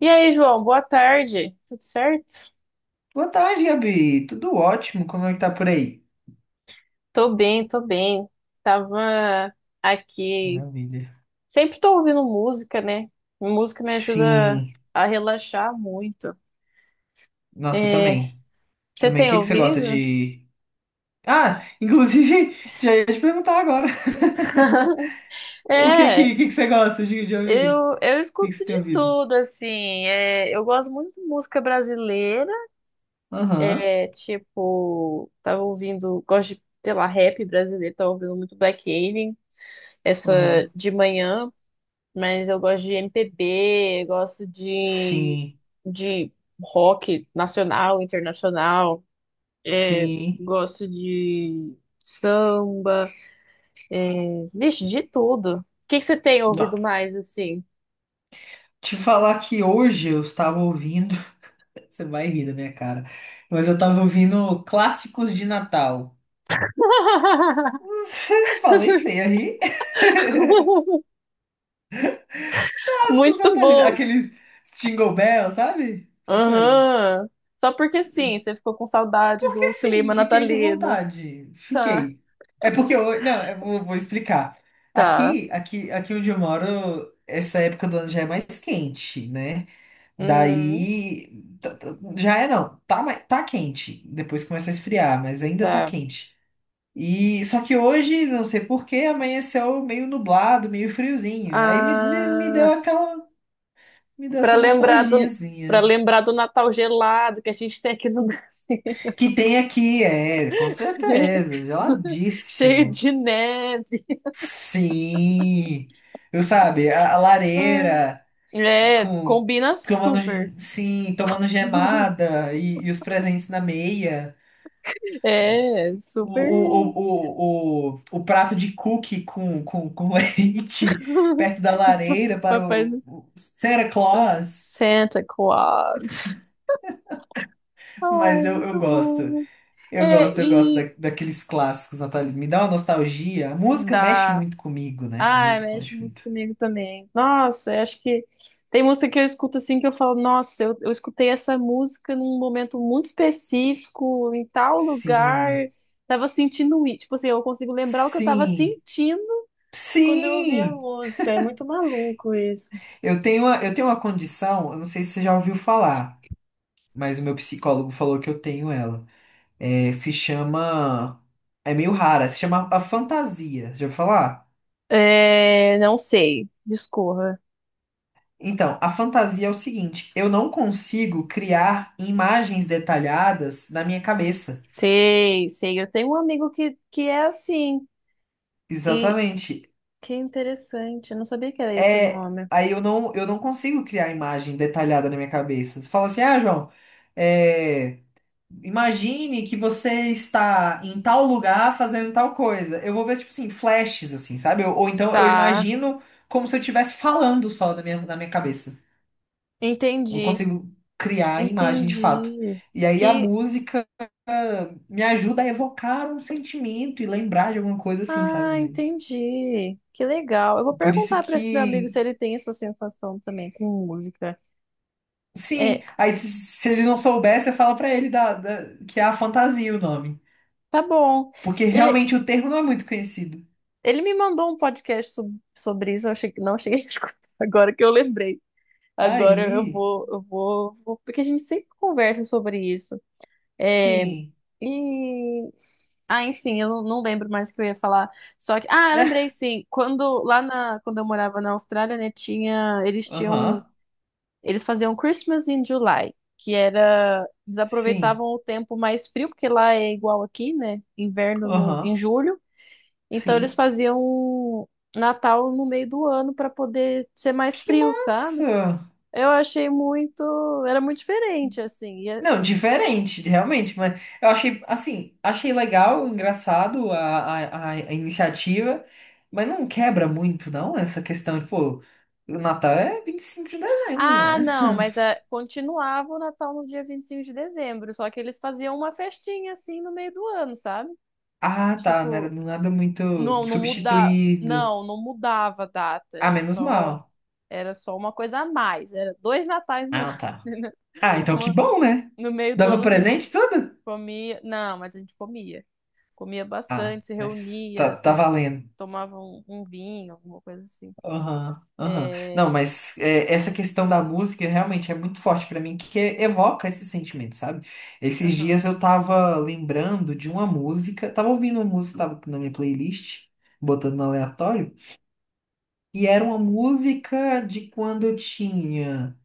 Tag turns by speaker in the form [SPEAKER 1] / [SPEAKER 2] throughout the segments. [SPEAKER 1] E aí, João, boa tarde. Tudo certo?
[SPEAKER 2] Boa tarde, Gabi. Tudo ótimo? Como é que tá por aí?
[SPEAKER 1] Tô bem, tô bem. Tava aqui.
[SPEAKER 2] Maravilha.
[SPEAKER 1] Sempre tô ouvindo música, né? Música me ajuda
[SPEAKER 2] Sim.
[SPEAKER 1] a relaxar muito.
[SPEAKER 2] Nossa, eu
[SPEAKER 1] É,
[SPEAKER 2] também.
[SPEAKER 1] você
[SPEAKER 2] Também. O
[SPEAKER 1] tem
[SPEAKER 2] que que você gosta
[SPEAKER 1] ouvido?
[SPEAKER 2] de. Ah, inclusive, já ia te perguntar agora. O que
[SPEAKER 1] É,
[SPEAKER 2] que, que que você gosta de ouvir?
[SPEAKER 1] eu
[SPEAKER 2] O que que
[SPEAKER 1] escuto
[SPEAKER 2] você tem
[SPEAKER 1] de
[SPEAKER 2] ouvido?
[SPEAKER 1] tudo, assim. É, eu gosto muito de música brasileira.
[SPEAKER 2] Aham,
[SPEAKER 1] É, tipo, tava ouvindo, gosto de, sei lá, rap brasileiro, tava ouvindo muito Black Alien, essa
[SPEAKER 2] aham.
[SPEAKER 1] de manhã. Mas eu gosto de MPB, eu gosto
[SPEAKER 2] Sim,
[SPEAKER 1] de rock nacional, internacional, é,
[SPEAKER 2] sim.
[SPEAKER 1] gosto de samba, vixe, de tudo. O que que você tem
[SPEAKER 2] Não.
[SPEAKER 1] ouvido mais assim?
[SPEAKER 2] Te falar que hoje eu estava ouvindo. Você vai rir da minha cara. Mas eu estava ouvindo clássicos de Natal. Falei que você ia rir. Clássicos
[SPEAKER 1] Muito
[SPEAKER 2] natalinos,
[SPEAKER 1] bom.
[SPEAKER 2] aqueles Jingle Bell, sabe? Essas coisas.
[SPEAKER 1] Aham. Só porque sim, você ficou com saudade
[SPEAKER 2] Porque
[SPEAKER 1] do
[SPEAKER 2] sim,
[SPEAKER 1] clima
[SPEAKER 2] fiquei com
[SPEAKER 1] natalino.
[SPEAKER 2] vontade.
[SPEAKER 1] Tá,
[SPEAKER 2] Fiquei. É porque eu. Não, eu vou explicar.
[SPEAKER 1] tá.
[SPEAKER 2] Aqui onde eu moro, essa época do ano já é mais quente, né?
[SPEAKER 1] Hum,
[SPEAKER 2] Daí. Já é não. Tá, tá quente. Depois começa a esfriar, mas ainda tá
[SPEAKER 1] tá.
[SPEAKER 2] quente. E só que hoje, não sei por que, amanheceu meio nublado, meio friozinho. Aí me deu
[SPEAKER 1] Ah.
[SPEAKER 2] aquela. Me deu
[SPEAKER 1] Para
[SPEAKER 2] essa
[SPEAKER 1] lembrar do, para
[SPEAKER 2] nostalgiazinha.
[SPEAKER 1] lembrar do Natal gelado que a gente tem aqui no Brasil,
[SPEAKER 2] Que tem aqui, é, com certeza,
[SPEAKER 1] cheio
[SPEAKER 2] geladíssimo.
[SPEAKER 1] de neve.
[SPEAKER 2] Sim, eu sabe, a lareira
[SPEAKER 1] É,
[SPEAKER 2] com
[SPEAKER 1] combina
[SPEAKER 2] tomando,
[SPEAKER 1] super.
[SPEAKER 2] sim, tomando gemada e os presentes na meia.
[SPEAKER 1] É,
[SPEAKER 2] O,
[SPEAKER 1] super.
[SPEAKER 2] o, o, o, o, o prato de cookie com leite perto da
[SPEAKER 1] O
[SPEAKER 2] lareira para o,
[SPEAKER 1] Papai
[SPEAKER 2] o Santa
[SPEAKER 1] do
[SPEAKER 2] Claus.
[SPEAKER 1] Santa Claus.
[SPEAKER 2] Mas
[SPEAKER 1] Ai,
[SPEAKER 2] eu
[SPEAKER 1] muito
[SPEAKER 2] gosto.
[SPEAKER 1] bom.
[SPEAKER 2] Eu
[SPEAKER 1] É,
[SPEAKER 2] gosto, eu gosto, da,
[SPEAKER 1] e
[SPEAKER 2] daqueles clássicos natalinos. Me dá uma nostalgia. A música mexe
[SPEAKER 1] da.
[SPEAKER 2] muito comigo, né? A
[SPEAKER 1] Ai,
[SPEAKER 2] música
[SPEAKER 1] mexe
[SPEAKER 2] mexe
[SPEAKER 1] muito
[SPEAKER 2] muito.
[SPEAKER 1] comigo também. Nossa, eu acho que tem música que eu escuto assim que eu falo, nossa, eu escutei essa música num momento muito específico, em tal lugar,
[SPEAKER 2] Sim,
[SPEAKER 1] tava sentindo isso. Tipo assim, eu consigo lembrar o que eu tava
[SPEAKER 2] sim,
[SPEAKER 1] sentindo quando eu ouvi a
[SPEAKER 2] sim!
[SPEAKER 1] música. É muito maluco isso.
[SPEAKER 2] Eu tenho uma condição, eu não sei se você já ouviu falar, mas o meu psicólogo falou que eu tenho ela. É, se chama. É meio rara, se chama a fantasia. Já ouviu falar?
[SPEAKER 1] É, não sei, discorra.
[SPEAKER 2] Então, a fantasia é o seguinte: eu não consigo criar imagens detalhadas na minha cabeça.
[SPEAKER 1] Sei, sei. Eu tenho um amigo que é assim. E
[SPEAKER 2] Exatamente.
[SPEAKER 1] que interessante, eu não sabia que era esse o
[SPEAKER 2] É,
[SPEAKER 1] nome.
[SPEAKER 2] aí eu não consigo criar imagem detalhada na minha cabeça. Você fala assim, ah, João, é, imagine que você está em tal lugar fazendo tal coisa. Eu vou ver, tipo assim, flashes, assim, sabe? Ou então eu
[SPEAKER 1] Tá,
[SPEAKER 2] imagino como se eu estivesse falando só na minha cabeça. Não
[SPEAKER 1] entendi.
[SPEAKER 2] consigo criar a imagem de fato.
[SPEAKER 1] Entendi.
[SPEAKER 2] E aí a
[SPEAKER 1] Que
[SPEAKER 2] música me ajuda a evocar um sentimento e lembrar de alguma coisa assim, sabe? Né?
[SPEAKER 1] entendi. Que legal. Eu vou
[SPEAKER 2] Por isso
[SPEAKER 1] perguntar para esse meu amigo se
[SPEAKER 2] que.
[SPEAKER 1] ele tem essa sensação também com música.
[SPEAKER 2] Sim,
[SPEAKER 1] É,
[SPEAKER 2] aí se ele não souber, você fala pra ele que é a fantasia o nome.
[SPEAKER 1] tá bom.
[SPEAKER 2] Porque
[SPEAKER 1] Ele
[SPEAKER 2] realmente o termo não é muito conhecido.
[SPEAKER 1] ele me mandou um podcast sobre isso. Eu achei que não cheguei a escutar. Agora que eu lembrei. Agora
[SPEAKER 2] Aí,
[SPEAKER 1] porque a gente sempre conversa sobre isso. É,
[SPEAKER 2] sim.
[SPEAKER 1] e ah, enfim, eu não lembro mais o que eu ia falar. Só que, ah, eu lembrei sim. Quando lá na, quando eu morava na Austrália, né, tinha, eles tinham.
[SPEAKER 2] Aham,
[SPEAKER 1] Eles faziam Christmas in July, que era. Eles
[SPEAKER 2] sim.
[SPEAKER 1] aproveitavam o tempo mais frio, porque lá é igual aqui, né? Inverno no, em
[SPEAKER 2] Aham,
[SPEAKER 1] julho. Então eles
[SPEAKER 2] sim.
[SPEAKER 1] faziam Natal no meio do ano para poder ser mais
[SPEAKER 2] Que
[SPEAKER 1] frio, sabe?
[SPEAKER 2] massa!
[SPEAKER 1] Eu achei muito. Era muito diferente, assim.
[SPEAKER 2] Não, diferente, realmente, mas eu achei, assim, achei legal, engraçado a iniciativa, mas não quebra muito, não, essa questão de, pô, o Natal é 25 de dezembro,
[SPEAKER 1] Ah,
[SPEAKER 2] né?
[SPEAKER 1] não, mas é, continuava o Natal no dia 25 de dezembro, só que eles faziam uma festinha, assim, no meio do ano, sabe?
[SPEAKER 2] Ah, tá. Não era
[SPEAKER 1] Tipo,
[SPEAKER 2] nada muito
[SPEAKER 1] não, não mudava.
[SPEAKER 2] substituído.
[SPEAKER 1] Não, não mudava a data,
[SPEAKER 2] Ah,
[SPEAKER 1] era
[SPEAKER 2] menos
[SPEAKER 1] só.
[SPEAKER 2] mal.
[SPEAKER 1] Era só uma coisa a mais. Era dois natais no
[SPEAKER 2] Ah,
[SPEAKER 1] ano.
[SPEAKER 2] tá.
[SPEAKER 1] Entendeu?
[SPEAKER 2] Ah, então que
[SPEAKER 1] Uma-
[SPEAKER 2] bom, né?
[SPEAKER 1] No meio do
[SPEAKER 2] Dava
[SPEAKER 1] ano a gente
[SPEAKER 2] presente tudo?
[SPEAKER 1] comia. Não, mas a gente comia. Comia
[SPEAKER 2] Ah,
[SPEAKER 1] bastante, se
[SPEAKER 2] mas tá,
[SPEAKER 1] reunia,
[SPEAKER 2] tá valendo.
[SPEAKER 1] tomava um, um vinho, alguma coisa assim.
[SPEAKER 2] Aham, aham. Não,
[SPEAKER 1] É...
[SPEAKER 2] mas é, essa questão da música realmente é muito forte pra mim, que evoca esse sentimento, sabe? Esses
[SPEAKER 1] Aham.
[SPEAKER 2] dias eu tava lembrando de uma música, tava ouvindo uma música, tava na minha playlist, botando no aleatório, e era uma música de quando eu tinha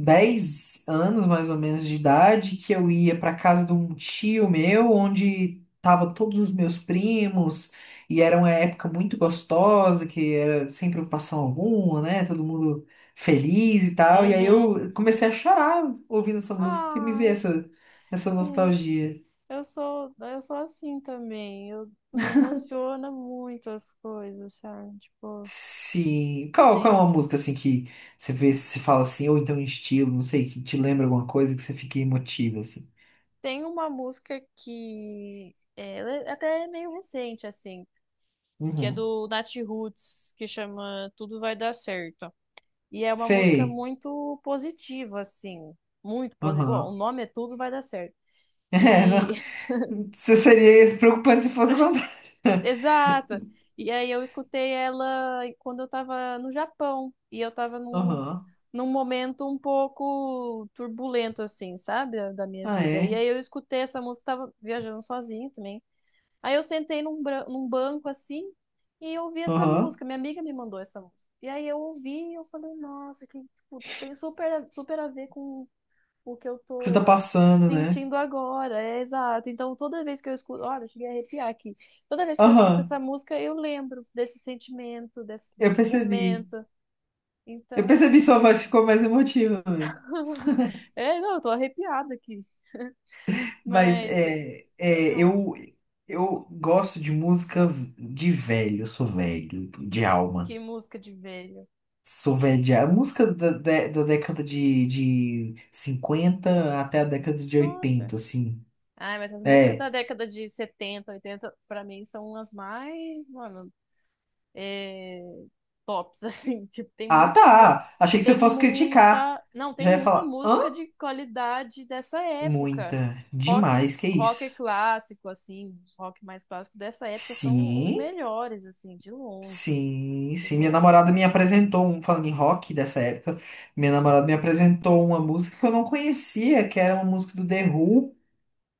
[SPEAKER 2] 10 anos mais ou menos de idade que eu ia para casa de um tio meu, onde tava todos os meus primos, e era uma época muito gostosa, que era sem preocupação alguma, né? Todo mundo feliz e tal. E aí
[SPEAKER 1] Uhum.
[SPEAKER 2] eu comecei a chorar ouvindo essa música, que me veio
[SPEAKER 1] Ai,
[SPEAKER 2] essa
[SPEAKER 1] sim.
[SPEAKER 2] nostalgia.
[SPEAKER 1] Eu sou assim também. Eu me emociona muito as coisas, sabe? Tipo,
[SPEAKER 2] Sim. Qual é uma
[SPEAKER 1] tem,
[SPEAKER 2] música assim que você vê, se fala assim, ou então um estilo, não sei, que te lembra alguma coisa que você fica emotivo assim?
[SPEAKER 1] tem uma música que é, ela é até meio recente, assim. Que é
[SPEAKER 2] Uhum.
[SPEAKER 1] do Natiruts, que chama Tudo Vai Dar Certo. E é uma música
[SPEAKER 2] Sei.
[SPEAKER 1] muito positiva, assim. Muito positiva. O
[SPEAKER 2] Aham.
[SPEAKER 1] nome é Tudo Vai Dar Certo.
[SPEAKER 2] É, não.
[SPEAKER 1] E.
[SPEAKER 2] Você seria preocupante se fosse o contrário.
[SPEAKER 1] Exata! E aí eu escutei ela quando eu tava no Japão. E eu tava num,
[SPEAKER 2] Aham.
[SPEAKER 1] num momento um pouco turbulento, assim, sabe? Da, da minha
[SPEAKER 2] Ah,
[SPEAKER 1] vida. E
[SPEAKER 2] é?
[SPEAKER 1] aí eu escutei essa música, tava viajando sozinha também. Aí eu sentei num, num banco assim e eu ouvi essa
[SPEAKER 2] Aham.
[SPEAKER 1] música. Minha amiga me mandou essa música. E aí eu ouvi e eu falei, nossa, que tipo, tem super, super a ver com o que eu
[SPEAKER 2] Que você tá
[SPEAKER 1] tô
[SPEAKER 2] passando, né?
[SPEAKER 1] sentindo agora. É exato. Então toda vez que eu escuto, olha, eu cheguei a arrepiar aqui. Toda vez que eu escuto essa
[SPEAKER 2] Aham.
[SPEAKER 1] música, eu lembro desse sentimento, desse,
[SPEAKER 2] Eu
[SPEAKER 1] desse
[SPEAKER 2] percebi.
[SPEAKER 1] momento.
[SPEAKER 2] Eu percebi,
[SPEAKER 1] Então,
[SPEAKER 2] sua voz ficou mais emotiva mesmo.
[SPEAKER 1] é, não, eu tô arrepiada aqui.
[SPEAKER 2] Mas
[SPEAKER 1] Mas, não,
[SPEAKER 2] eu gosto de música de velho. Eu sou velho, de
[SPEAKER 1] que
[SPEAKER 2] alma.
[SPEAKER 1] música de velho.
[SPEAKER 2] Sou velho de
[SPEAKER 1] Tipo,
[SPEAKER 2] alma. Música da década de 50 até a década de
[SPEAKER 1] nossa.
[SPEAKER 2] 80, assim.
[SPEAKER 1] Ai, mas as músicas
[SPEAKER 2] É.
[SPEAKER 1] da década de 70, 80, pra mim, são as mais, mano, é, tops, assim. Tipo, tem
[SPEAKER 2] Ah,
[SPEAKER 1] muita, mu-
[SPEAKER 2] tá. Achei que você
[SPEAKER 1] tem
[SPEAKER 2] fosse criticar.
[SPEAKER 1] muita, não,
[SPEAKER 2] Já
[SPEAKER 1] tem
[SPEAKER 2] ia
[SPEAKER 1] muita
[SPEAKER 2] falar. Hã?
[SPEAKER 1] música de qualidade dessa época.
[SPEAKER 2] Muita.
[SPEAKER 1] Rock,
[SPEAKER 2] Demais, que
[SPEAKER 1] rock
[SPEAKER 2] isso.
[SPEAKER 1] clássico, assim, os rock mais clássico dessa época são os
[SPEAKER 2] Sim,
[SPEAKER 1] melhores, assim, de longe,
[SPEAKER 2] sim,
[SPEAKER 1] de
[SPEAKER 2] sim. Minha
[SPEAKER 1] longe.
[SPEAKER 2] namorada me apresentou um, falando em rock dessa época, minha namorada me apresentou uma música que eu não conhecia, que era uma música do The Who,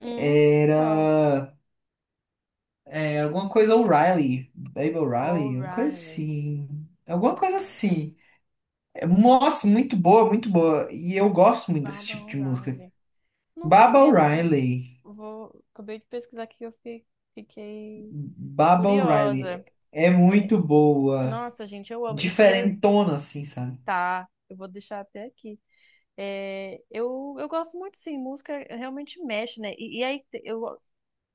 [SPEAKER 1] Hum, qual?
[SPEAKER 2] era alguma coisa O'Reilly, Baby O'Reilly, uma coisa
[SPEAKER 1] O'Reilly,
[SPEAKER 2] assim. Alguma coisa
[SPEAKER 1] O'Reilly,
[SPEAKER 2] assim. É, Nossa, muito boa, muito boa. E eu gosto muito desse
[SPEAKER 1] Baba
[SPEAKER 2] tipo de música.
[SPEAKER 1] O'Reilly. Não
[SPEAKER 2] Baba
[SPEAKER 1] conheço.
[SPEAKER 2] O'Reilly.
[SPEAKER 1] Vou... Acabei de pesquisar aqui, eu fiquei, fiquei
[SPEAKER 2] Baba O'Reilly.
[SPEAKER 1] curiosa.
[SPEAKER 2] É
[SPEAKER 1] É,
[SPEAKER 2] muito boa.
[SPEAKER 1] nossa, gente, eu amo.
[SPEAKER 2] Diferentona, assim, sabe?
[SPEAKER 1] Tá, eu vou deixar até aqui. É, eu gosto muito, sim, música realmente mexe, né? E aí te- eu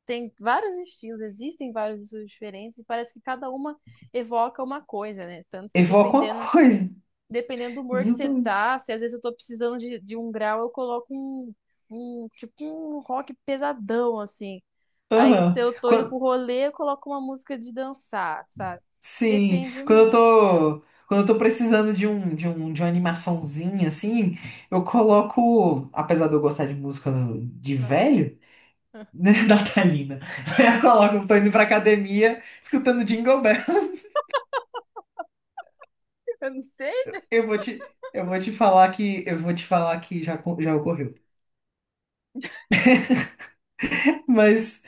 [SPEAKER 1] tem vários estilos, existem vários estilos diferentes, e parece que cada uma evoca uma coisa, né? Tanto que
[SPEAKER 2] Evoca uma
[SPEAKER 1] dependendo
[SPEAKER 2] coisa.
[SPEAKER 1] dependendo do humor que você
[SPEAKER 2] Exatamente.
[SPEAKER 1] tá, se às vezes eu tô precisando de um grau, eu coloco um, um, tipo um rock pesadão, assim. Aí
[SPEAKER 2] Aham.
[SPEAKER 1] se eu tô indo pro rolê, eu coloco uma música de dançar, sabe?
[SPEAKER 2] Sim,
[SPEAKER 1] Depende
[SPEAKER 2] quando eu
[SPEAKER 1] muito,
[SPEAKER 2] tô, quando eu tô precisando de uma animaçãozinha, assim, eu coloco, apesar de eu gostar de música de
[SPEAKER 1] Natália.
[SPEAKER 2] velho, né, natalina, eu coloco, eu tô indo pra academia escutando Jingle Bells.
[SPEAKER 1] Eu não sei.
[SPEAKER 2] Eu vou te falar que já, já ocorreu. Mas,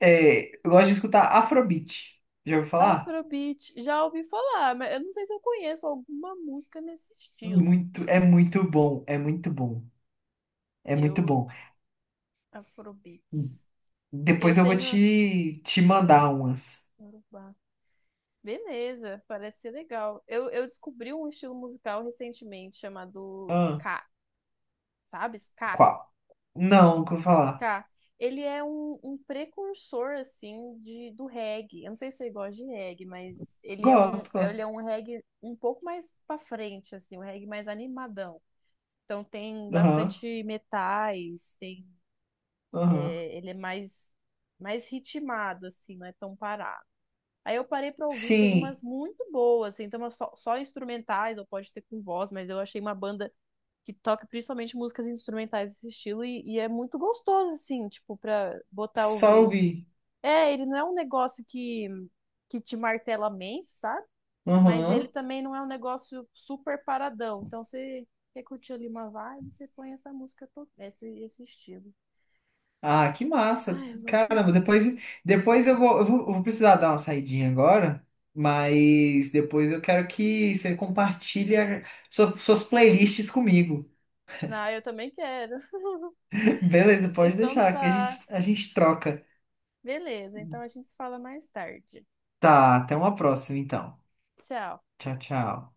[SPEAKER 2] eu gosto de escutar Afrobeat. Já ouviu falar?
[SPEAKER 1] Afrobeat, já ouvi falar, mas eu não sei se eu conheço alguma música nesse estilo.
[SPEAKER 2] Muito, é muito bom, é muito bom, é muito
[SPEAKER 1] Eu,
[SPEAKER 2] bom.
[SPEAKER 1] Afrobeats. Eu
[SPEAKER 2] Depois eu vou
[SPEAKER 1] tenho.
[SPEAKER 2] te mandar umas.
[SPEAKER 1] Yorubá. Beleza, parece ser legal. Eu descobri um estilo musical recentemente chamado
[SPEAKER 2] Ah,
[SPEAKER 1] Ska. Sabe? Ska,
[SPEAKER 2] qual? Não, nunca vou falar.
[SPEAKER 1] ska. Ele é um, um precursor, assim, de, do reggae. Eu não sei se você gosta de reggae, mas
[SPEAKER 2] Gosto,
[SPEAKER 1] ele é
[SPEAKER 2] gosto.
[SPEAKER 1] um reggae um pouco mais pra frente, assim, um reggae mais animadão. Então tem
[SPEAKER 2] Aham,
[SPEAKER 1] bastante metais, tem,
[SPEAKER 2] aham.
[SPEAKER 1] é, ele é mais, mais ritmado, assim, não é tão parado. Aí eu parei pra ouvir, tem
[SPEAKER 2] Sim,
[SPEAKER 1] umas muito boas, assim, tem umas só, só instrumentais, ou pode ter com voz, mas eu achei uma banda que toca principalmente músicas instrumentais desse estilo e é muito gostoso, assim, tipo, pra botar
[SPEAKER 2] só
[SPEAKER 1] ouvir.
[SPEAKER 2] ouvi.
[SPEAKER 1] É, ele não é um negócio que te martela a mente, sabe? Mas ele
[SPEAKER 2] Aham.
[SPEAKER 1] também não é um negócio super paradão. Então você quer curtir ali uma vibe, você põe essa música, esse, esse estilo.
[SPEAKER 2] Ah, que massa.
[SPEAKER 1] Ai, eu gosto
[SPEAKER 2] Caramba,
[SPEAKER 1] muito.
[SPEAKER 2] depois eu vou precisar dar uma saidinha agora, mas depois eu quero que você compartilhe suas playlists comigo.
[SPEAKER 1] Ah, eu também quero.
[SPEAKER 2] Beleza, pode
[SPEAKER 1] Então
[SPEAKER 2] deixar, que a
[SPEAKER 1] tá.
[SPEAKER 2] gente, a gente troca.
[SPEAKER 1] Beleza, então a gente se fala mais tarde.
[SPEAKER 2] Tá, até uma próxima então.
[SPEAKER 1] Tchau.
[SPEAKER 2] Tchau, tchau.